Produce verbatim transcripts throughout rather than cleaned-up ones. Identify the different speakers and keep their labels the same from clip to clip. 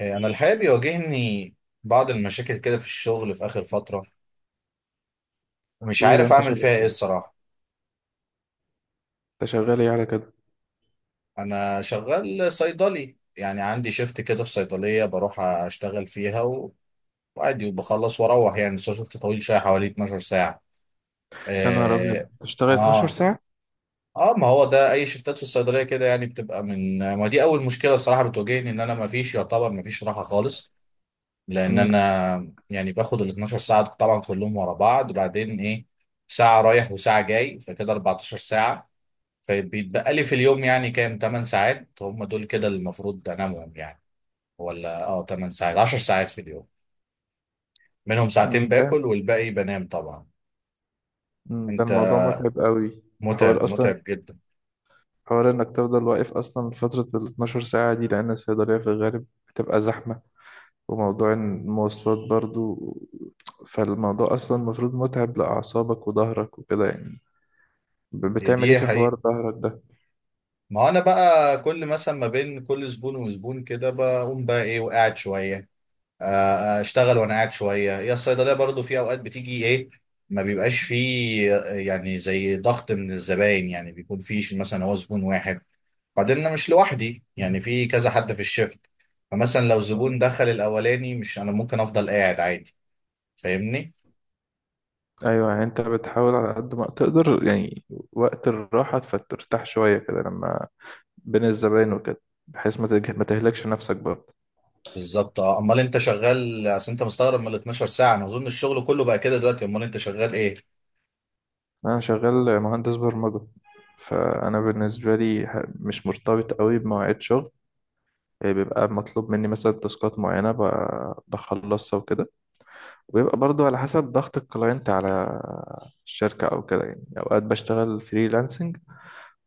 Speaker 1: إيه، انا الحقيقه بيواجهني بعض المشاكل كده في الشغل في اخر فتره. مش
Speaker 2: ايه ده،
Speaker 1: عارف
Speaker 2: انت
Speaker 1: اعمل
Speaker 2: شغال
Speaker 1: فيها ايه
Speaker 2: كده
Speaker 1: الصراحه.
Speaker 2: انت شغال ايه على كده؟
Speaker 1: انا شغال صيدلي، يعني عندي شيفت كده في صيدليه بروح اشتغل فيها و- وعادي وبخلص واروح يعني. بس هو شيفت طويل شويه، حوالي اتناشر ساعه.
Speaker 2: يا نهار ابيض،
Speaker 1: اه.
Speaker 2: تشتغل اثنا عشر
Speaker 1: اه.
Speaker 2: ساعة؟
Speaker 1: آه، ما هو ده اي شيفتات في الصيدليه كده، يعني بتبقى من. ما دي اول مشكله الصراحه بتواجهني، ان انا ما فيش يعتبر ما فيش راحه خالص. لان
Speaker 2: امم
Speaker 1: انا يعني باخد ال اتناشر ساعه طبعا كلهم ورا بعض، وبعدين ايه ساعه رايح وساعه جاي، فكده اربعتاشر ساعه. فبيتبقى لي في اليوم يعني كام، تمن ساعات هم دول كده اللي المفروض انامهم يعني، ولا اه تمن ساعات عشر ساعات في اليوم، منهم ساعتين
Speaker 2: أمم، ده
Speaker 1: باكل والباقي بنام طبعا.
Speaker 2: أمم، ده
Speaker 1: انت
Speaker 2: الموضوع متعب قوي، حوار
Speaker 1: متعب،
Speaker 2: اصلا
Speaker 1: متعب جدا.
Speaker 2: حوار انك تفضل واقف اصلا فترة ال اثنا عشر ساعة دي، لان الصيدلية في الغالب بتبقى زحمة، وموضوع المواصلات برضو. فالموضوع اصلا المفروض متعب لاعصابك وظهرك وكده يعني. ب-
Speaker 1: هي
Speaker 2: بتعمل ايه
Speaker 1: دي
Speaker 2: في
Speaker 1: حقيقة.
Speaker 2: حوار ظهرك ده؟
Speaker 1: ما انا بقى كل مثلا ما بين كل زبون وزبون كده بقوم بقى ايه وقاعد شوية. آه، اشتغل وانا قاعد شويه. هي الصيدليه برضو في اوقات بتيجي ايه، ما بيبقاش فيه آه، يعني زي ضغط من الزباين، يعني بيكون فيش مثلا هو زبون واحد. بعدين انا مش لوحدي، يعني في كذا حد في الشفت، فمثلا لو زبون
Speaker 2: مم.
Speaker 1: دخل الاولاني مش انا ممكن افضل قاعد عادي. فاهمني.
Speaker 2: ايوه، يعني انت بتحاول على قد ما تقدر، يعني وقت الراحة فترتاح شوية كده لما بين الزباين وكده، بحيث ما تج- ما تهلكش نفسك برضه.
Speaker 1: بالظبط. اه امال انت شغال، اصل انت مستغرب من ال اتناشر ساعه؟ انا اظن الشغل كله بقى كده دلوقتي، امال انت شغال ايه؟
Speaker 2: انا شغال مهندس برمجة. فانا بالنسبة لي ه- مش مرتبط قوي بمواعيد شغل، يعني بيبقى مطلوب مني مثلا تاسكات معينة ب- بخلصها وكده. وبيبقى برضو على حسب ضغط الكلاينت على الشركة أو كده، يعني أوقات بشتغل فريلانسنج،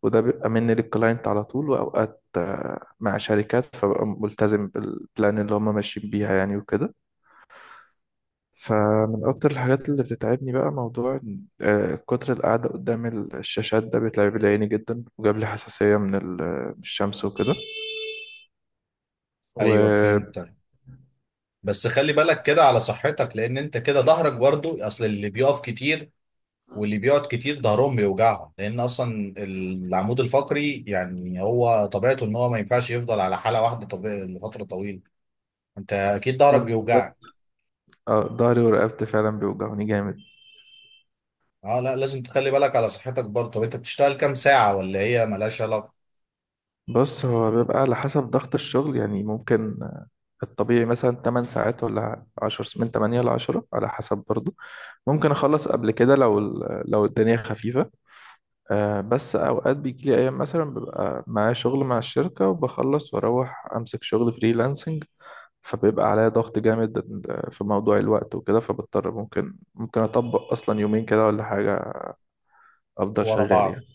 Speaker 2: وده بيبقى مني للكلاينت على طول، وأوقات آه، مع شركات فببقى ملتزم بالبلان اللي هم ماشيين بيها يعني وكده. فمن أكتر الحاجات اللي بتتعبني بقى موضوع إن- آه، كتر القعدة قدام ال- الشاشات، ده بيتعب لي عيني جدا وجاب لي حساسية من ال- من الشمس وكده.
Speaker 1: ايوه فهمت.
Speaker 2: و
Speaker 1: بس خلي بالك كده على صحتك، لان انت كده ظهرك برضو. اصل اللي بيقف كتير واللي بيقعد كتير ظهرهم بيوجعهم، لان اصلا العمود الفقري يعني هو طبيعته ان هو ما ينفعش يفضل على حاله واحده طبيعي لفتره طويله. انت اكيد ظهرك
Speaker 2: آه، بالظبط.
Speaker 1: بيوجعك.
Speaker 2: اه، ضهري ورقبتي فعلا بيوجعوني جامد.
Speaker 1: اه لا لازم تخلي بالك على صحتك برضه. طب انت بتشتغل كام ساعه، ولا هي ملهاش علاقه؟
Speaker 2: بص، هو بيبقى على حسب ضغط الشغل، يعني ممكن آه، الطبيعي مثلا تمانية ساعات ولا عشرة، من تمانية ل عشرة، على حسب برضو. ممكن أخلص قبل كده لو ال- لو الدنيا خفيفة. آه، بس اوقات بيجي لي ايام، مثلا ببقى معايا شغل مع الشركه وبخلص واروح امسك شغل فريلانسنج، فبيبقى عليا ضغط جامد في موضوع الوقت وكده، فبضطر ممكن ممكن اطبق اصلا يومين كده ولا حاجه، افضل
Speaker 1: ورا
Speaker 2: شغال
Speaker 1: بعض.
Speaker 2: يعني.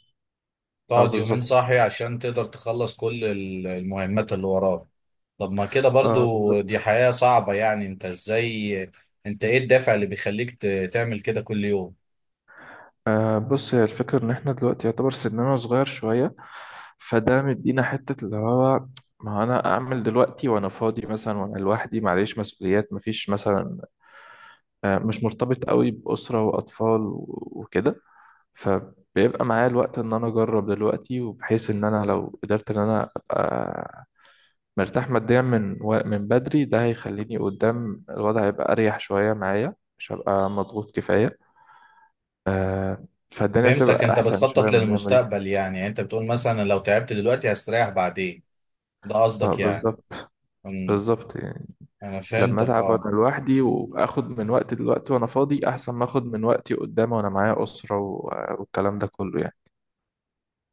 Speaker 2: اه،
Speaker 1: تقعد يومين
Speaker 2: بالظبط.
Speaker 1: صاحي عشان تقدر تخلص كل ال- المهمات اللي وراك. طب ما كده
Speaker 2: اه،
Speaker 1: برضه
Speaker 2: بالظبط.
Speaker 1: دي حياه صعبه. يعني انت ازاي؟ انت ايه الدافع اللي بيخليك ت- تعمل كده كل يوم؟
Speaker 2: آه بص، هي الفكره ان احنا دلوقتي يعتبر سننا صغير شويه، فده مدينا حته اللي هو، ما انا اعمل دلوقتي وانا فاضي مثلا وانا لوحدي، معليش مسؤوليات مفيش، مثلا آه، مش مرتبط قوي بأسرة وأطفال و- وكده. فبيبقى معايا الوقت إن أنا أجرب دلوقتي، وبحيث إن أنا لو قدرت إن أنا أبقى مرتاح ماديا من و- من بدري، ده هيخليني قدام. الوضع هيبقى أريح شوية معايا، مش هبقى مضغوط كفاية. آه، فالدنيا
Speaker 1: فهمتك.
Speaker 2: تبقى
Speaker 1: انت
Speaker 2: أحسن شوية
Speaker 1: بتخطط
Speaker 2: من الأيام دي.
Speaker 1: للمستقبل، يعني يعني انت بتقول مثلا لو تعبت دلوقتي هستريح بعدين، ده
Speaker 2: اه،
Speaker 1: قصدك يعني؟
Speaker 2: بالظبط.
Speaker 1: امم.
Speaker 2: بالظبط يعني.
Speaker 1: انا
Speaker 2: لما
Speaker 1: فهمتك
Speaker 2: أتعب
Speaker 1: اه.
Speaker 2: وأنا لوحدي، وآخد من وقتي دلوقتي وأنا فاضي، أحسن ما آخد من وقتي قدام وأنا معايا أسرة و- والكلام ده كله.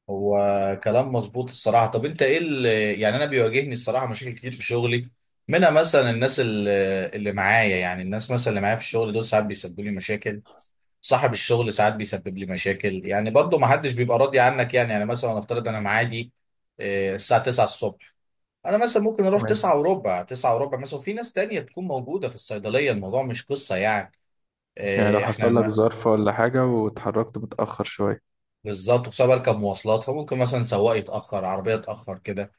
Speaker 1: هو كلام مظبوط الصراحه. طب انت ايه اللي، يعني انا بيواجهني الصراحه مشاكل كتير في شغلي، منها مثلا الناس اللي، اللي معايا، يعني الناس مثلا اللي معايا في الشغل دول ساعات بيسببوا لي مشاكل. صاحب الشغل ساعات بيسبب لي مشاكل، يعني برضه ما حدش بيبقى راضي عنك. يعني يعني مثلا افترض انا معادي اه، الساعه تسعة الصبح، انا مثلا ممكن اروح
Speaker 2: يعني
Speaker 1: تسعة وربع، تسعة وربع مثلا، وفي ناس تانية بتكون موجودة في الصيدلية، الموضوع مش قصة يعني.
Speaker 2: يعني لو
Speaker 1: إيه احنا
Speaker 2: حصل لك
Speaker 1: ما.
Speaker 2: ظرف ولا حاجة واتحركت متأخر شوية.
Speaker 1: بالظبط. وخصوصا بركب مواصلات، فممكن مثلا سواق يتأخر، عربية تأخر كده،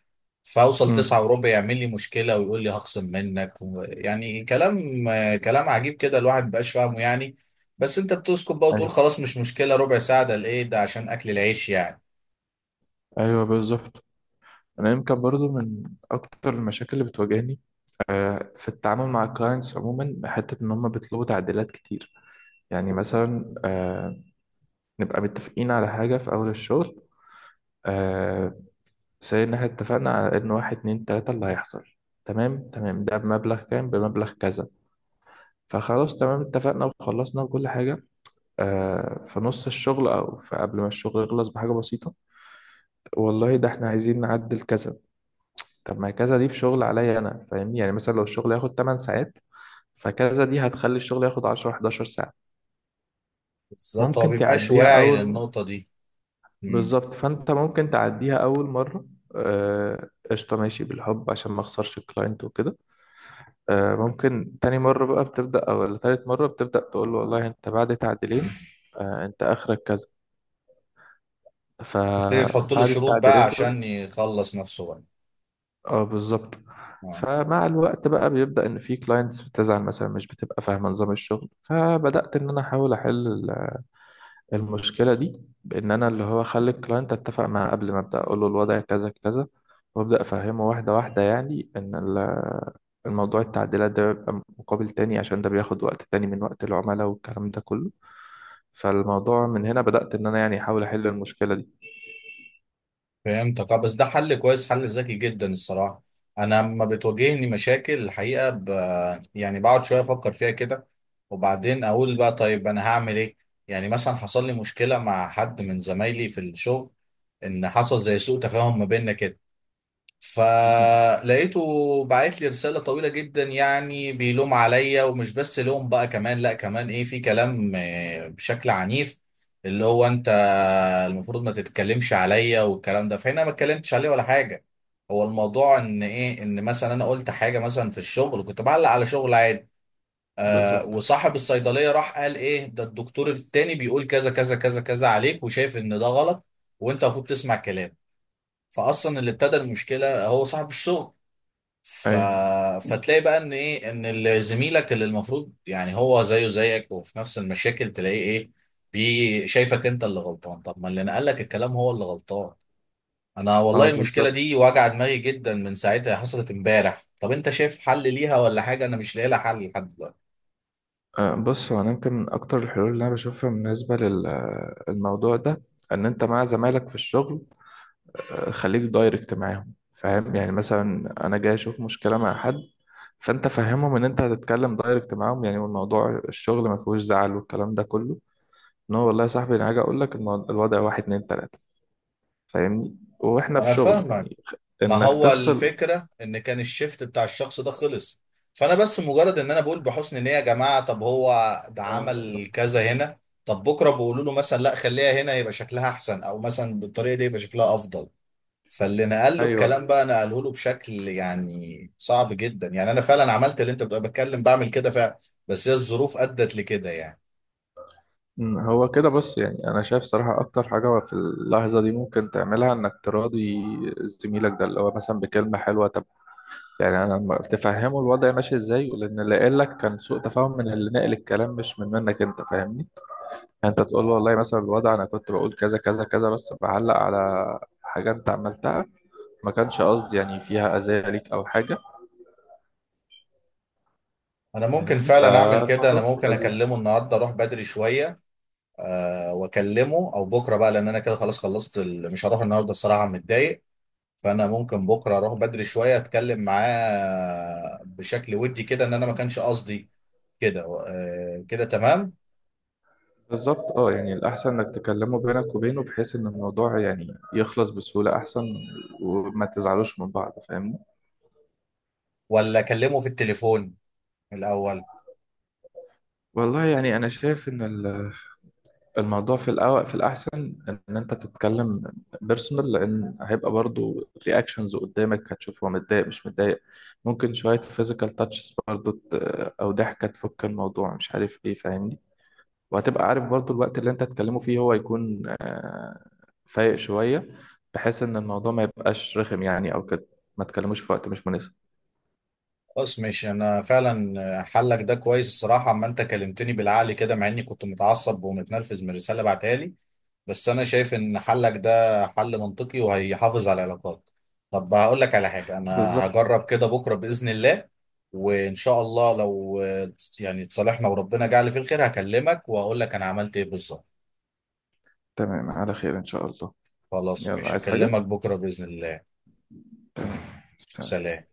Speaker 1: فاوصل تسعة
Speaker 2: امم
Speaker 1: وربع يعمل لي مشكلة ويقول لي هخصم منك و- يعني كلام آه، كلام عجيب كده، الواحد مبقاش فاهمه يعني. بس انت بتسكت بقى وتقول
Speaker 2: يعني،
Speaker 1: خلاص مش مشكلة، ربع ساعة ده لإيه؟ ده عشان أكل العيش يعني.
Speaker 2: أيوة بالظبط. أنا يمكن برضو من أكتر المشاكل اللي بتواجهني آه، في التعامل مع الكلاينتس عموما، حتة إن هم بيطلبوا تعديلات كتير، يعني مثلا آه، نبقى متفقين على حاجة في أول الشغل، سي إن إحنا اتفقنا على إن واحد اتنين تلاتة اللي هيحصل، تمام تمام، ده بمبلغ كام، بمبلغ كذا، فخلاص تمام اتفقنا وخلصنا وكل حاجة. آه، في نص الشغل أو في قبل ما الشغل يخلص بحاجة بسيطة، والله، ده احنا عايزين نعدل كذا. طب ما كذا دي بشغل عليا انا، فاهمني؟ يعني مثلا لو الشغل ياخد ثماني ساعات، فكذا دي هتخلي الشغل ياخد عشر أحد عشر ساعة.
Speaker 1: بالظبط. هو
Speaker 2: ممكن
Speaker 1: مبيبقاش
Speaker 2: تعديها
Speaker 1: واعي
Speaker 2: اول.
Speaker 1: للنقطة دي. مم.
Speaker 2: بالظبط، فانت ممكن تعديها اول مرة. آه، قشطة، ماشي بالحب عشان ما اخسرش الكلاينت وكده. آه، ممكن تاني مرة بقى بتبدأ، او ولا تالت مرة بتبدأ تقول له: والله انت بعد تعديلين، آه، انت اخرك كذا،
Speaker 1: تبتدي تحط له
Speaker 2: فبعد
Speaker 1: شروط بقى
Speaker 2: التعديلين
Speaker 1: عشان
Speaker 2: دول.
Speaker 1: يخلص نفسه بقى.
Speaker 2: اه، بالظبط.
Speaker 1: آه.
Speaker 2: فمع الوقت بقى بيبدأ ان في كلاينتس بتزعل، مثلا مش بتبقى فاهمة نظام الشغل، فبدأت ان انا احاول احل ال- المشكلة دي، بان انا اللي هو اخلي الكلاينت اتفق معاه قبل ما ابدأ اقول له الوضع كذا كذا، وابدأ افهمه واحدة واحدة، يعني ان ال- الموضوع التعديلات ده بيبقى مقابل تاني، عشان ده بياخد وقت تاني من وقت العملاء والكلام ده كله. فالموضوع من هنا بدأت ان انا يعني احاول احل المشكلة دي.
Speaker 1: فهمتك اه. بس ده حل كويس، حل ذكي جدا الصراحة. انا لما بتواجهني مشاكل الحقيقة ب... يعني بقعد شوية افكر فيها كده، وبعدين اقول بقى طيب انا هعمل ايه. يعني مثلا حصل لي مشكلة مع حد من زمايلي في الشغل، ان حصل زي سوء تفاهم ما بيننا كده،
Speaker 2: مهم.
Speaker 1: فلقيته بعت لي رسالة طويلة جدا، يعني بيلوم عليا، ومش بس لوم بقى كمان، لا كمان ايه في كلام آه، بشكل عنيف. اللي هو انت المفروض ما تتكلمش عليا والكلام ده، فهنا ما اتكلمتش عليه ولا حاجه. هو الموضوع ان ايه، ان مثلا انا قلت حاجه مثلا في الشغل، كنت بعلق على شغل عادي، آه،
Speaker 2: بالظبط،
Speaker 1: وصاحب الصيدليه راح قال ايه ده الدكتور التاني بيقول كذا كذا كذا كذا عليك، وشايف ان ده غلط وانت المفروض تسمع كلام. فاصلا اللي ابتدى المشكله هو صاحب الشغل. ف...
Speaker 2: ايوه.
Speaker 1: فتلاقي بقى ان ايه، ان ال- زميلك اللي المفروض يعني هو زيه زيك وفي نفس المشاكل، تلاقيه ايه، بي شايفك انت اللي غلطان. طب ما اللي نقلك الكلام هو اللي غلطان. انا والله
Speaker 2: اه،
Speaker 1: المشكله
Speaker 2: بالظبط.
Speaker 1: دي واجعه دماغي جدا، من ساعتها حصلت امبارح. طب انت شايف حل ليها ولا حاجه؟ انا مش لاقي لها حل لحد دلوقتي.
Speaker 2: آه، بص، هو انا يمكن من اكتر الحلول اللي انا بشوفها بالنسبه للموضوع ده، ان انت مع زمايلك في الشغل آه، خليك دايركت معاهم، فاهم؟ يعني مثلا انا جاي اشوف مشكله مع حد، فانت فهمهم ان انت هتتكلم دايركت معاهم يعني، والموضوع الشغل ما فيهوش زعل والكلام ده كله، ان هو، والله يا صاحبي، انا هاجي اقول لك المو- الوضع واحد اتنين تلاته، فاهمني؟ واحنا في
Speaker 1: انا
Speaker 2: شغل
Speaker 1: فاهمك.
Speaker 2: يعني.
Speaker 1: ما
Speaker 2: انك
Speaker 1: هو
Speaker 2: تفصل.
Speaker 1: الفكرة ان كان الشيفت بتاع الشخص ده خلص، فانا بس مجرد ان انا بقول بحسن نية يا جماعة، طب هو ده
Speaker 2: آه،
Speaker 1: عمل كذا هنا، طب بكرة بيقولوا له مثلا لا خليها هنا يبقى شكلها احسن، او مثلا بالطريقة دي يبقى شكلها افضل. فاللي نقل له
Speaker 2: ايوه.
Speaker 1: الكلام بقى نقله له بشكل يعني صعب جدا. يعني انا فعلا عملت اللي انت بتبقى بتكلم، بعمل كده فعلا، بس هي الظروف ادت لكده يعني.
Speaker 2: مم، هو كده بص، يعني انا شايف صراحة اكتر حاجة في اللحظة دي ممكن تعملها انك تراضي زميلك ده، اللي هو مثلا بكلمة حلوة، طب يعني انا لما تفهمه الوضع ماشي ازاي لان اللي قال لك كان سوء تفاهم من اللي ناقل الكلام، مش من منك انت، فاهمني؟ يعني انت تقول له: والله مثلا الوضع انا كنت بقول كذا كذا كذا، بس بعلق على حاجة انت عملتها، ما كانش قصدي يعني فيها اذى ليك او حاجة،
Speaker 1: انا ممكن
Speaker 2: فاهمني؟
Speaker 1: فعلا اعمل كده،
Speaker 2: فالموضوع
Speaker 1: انا
Speaker 2: في
Speaker 1: ممكن
Speaker 2: اللذيذ.
Speaker 1: اكلمه النهارده، اروح بدري شوية آه، واكلمه، او بكره بقى، لان انا كده خلاص خلصت ال... مش هروح النهارده الصراحه متضايق. فانا ممكن بكره اروح بدري شويه اتكلم معاه بشكل ودي كده، ان انا ما كانش قصدي كده. آه، كده تمام.
Speaker 2: بالظبط، اه، يعني الأحسن إنك تكلمه بينك وبينه، بحيث إن الموضوع يعني يخلص بسهولة أحسن، وما تزعلوش من بعض، فاهمني؟
Speaker 1: ولا اكلمه في التليفون الاول؟
Speaker 2: والله يعني أنا شايف إن ال- الموضوع في الأول في الأحسن إن أنت تتكلم بيرسونال، لأن هيبقى برضو رياكشنز قدامك، هتشوف هو متضايق مش متضايق. ممكن شوية فيزيكال تاتشز برضو، ت- أو ضحكة تفك الموضوع، مش عارف إيه، فاهمني؟ وهتبقى عارف برضو الوقت اللي انت هتكلمه فيه هو يكون آه، فايق شوية، بحيث ان الموضوع ما يبقاش رخم يعني او كده، ما تكلموش في وقت مش مناسب.
Speaker 1: خلاص ماشي. انا فعلا حلك ده كويس الصراحه، اما انت كلمتني بالعقل كده، مع اني كنت متعصب ومتنرفز من الرساله بعتها لي، بس انا شايف ان حلك ده حل منطقي وهيحافظ على العلاقات. طب هقول لك على حاجه، انا
Speaker 2: بالظبط.
Speaker 1: هجرب كده بكره باذن الله، وان شاء الله لو آه، يعني اتصالحنا وربنا جعل في الخير، هكلمك واقول لك انا عملت ايه بالظبط.
Speaker 2: تمام، على خير ان شاء الله.
Speaker 1: خلاص
Speaker 2: يلا،
Speaker 1: مش
Speaker 2: عايز حاجة؟
Speaker 1: هكلمك بكره باذن الله.
Speaker 2: تمام. سلام.
Speaker 1: سلام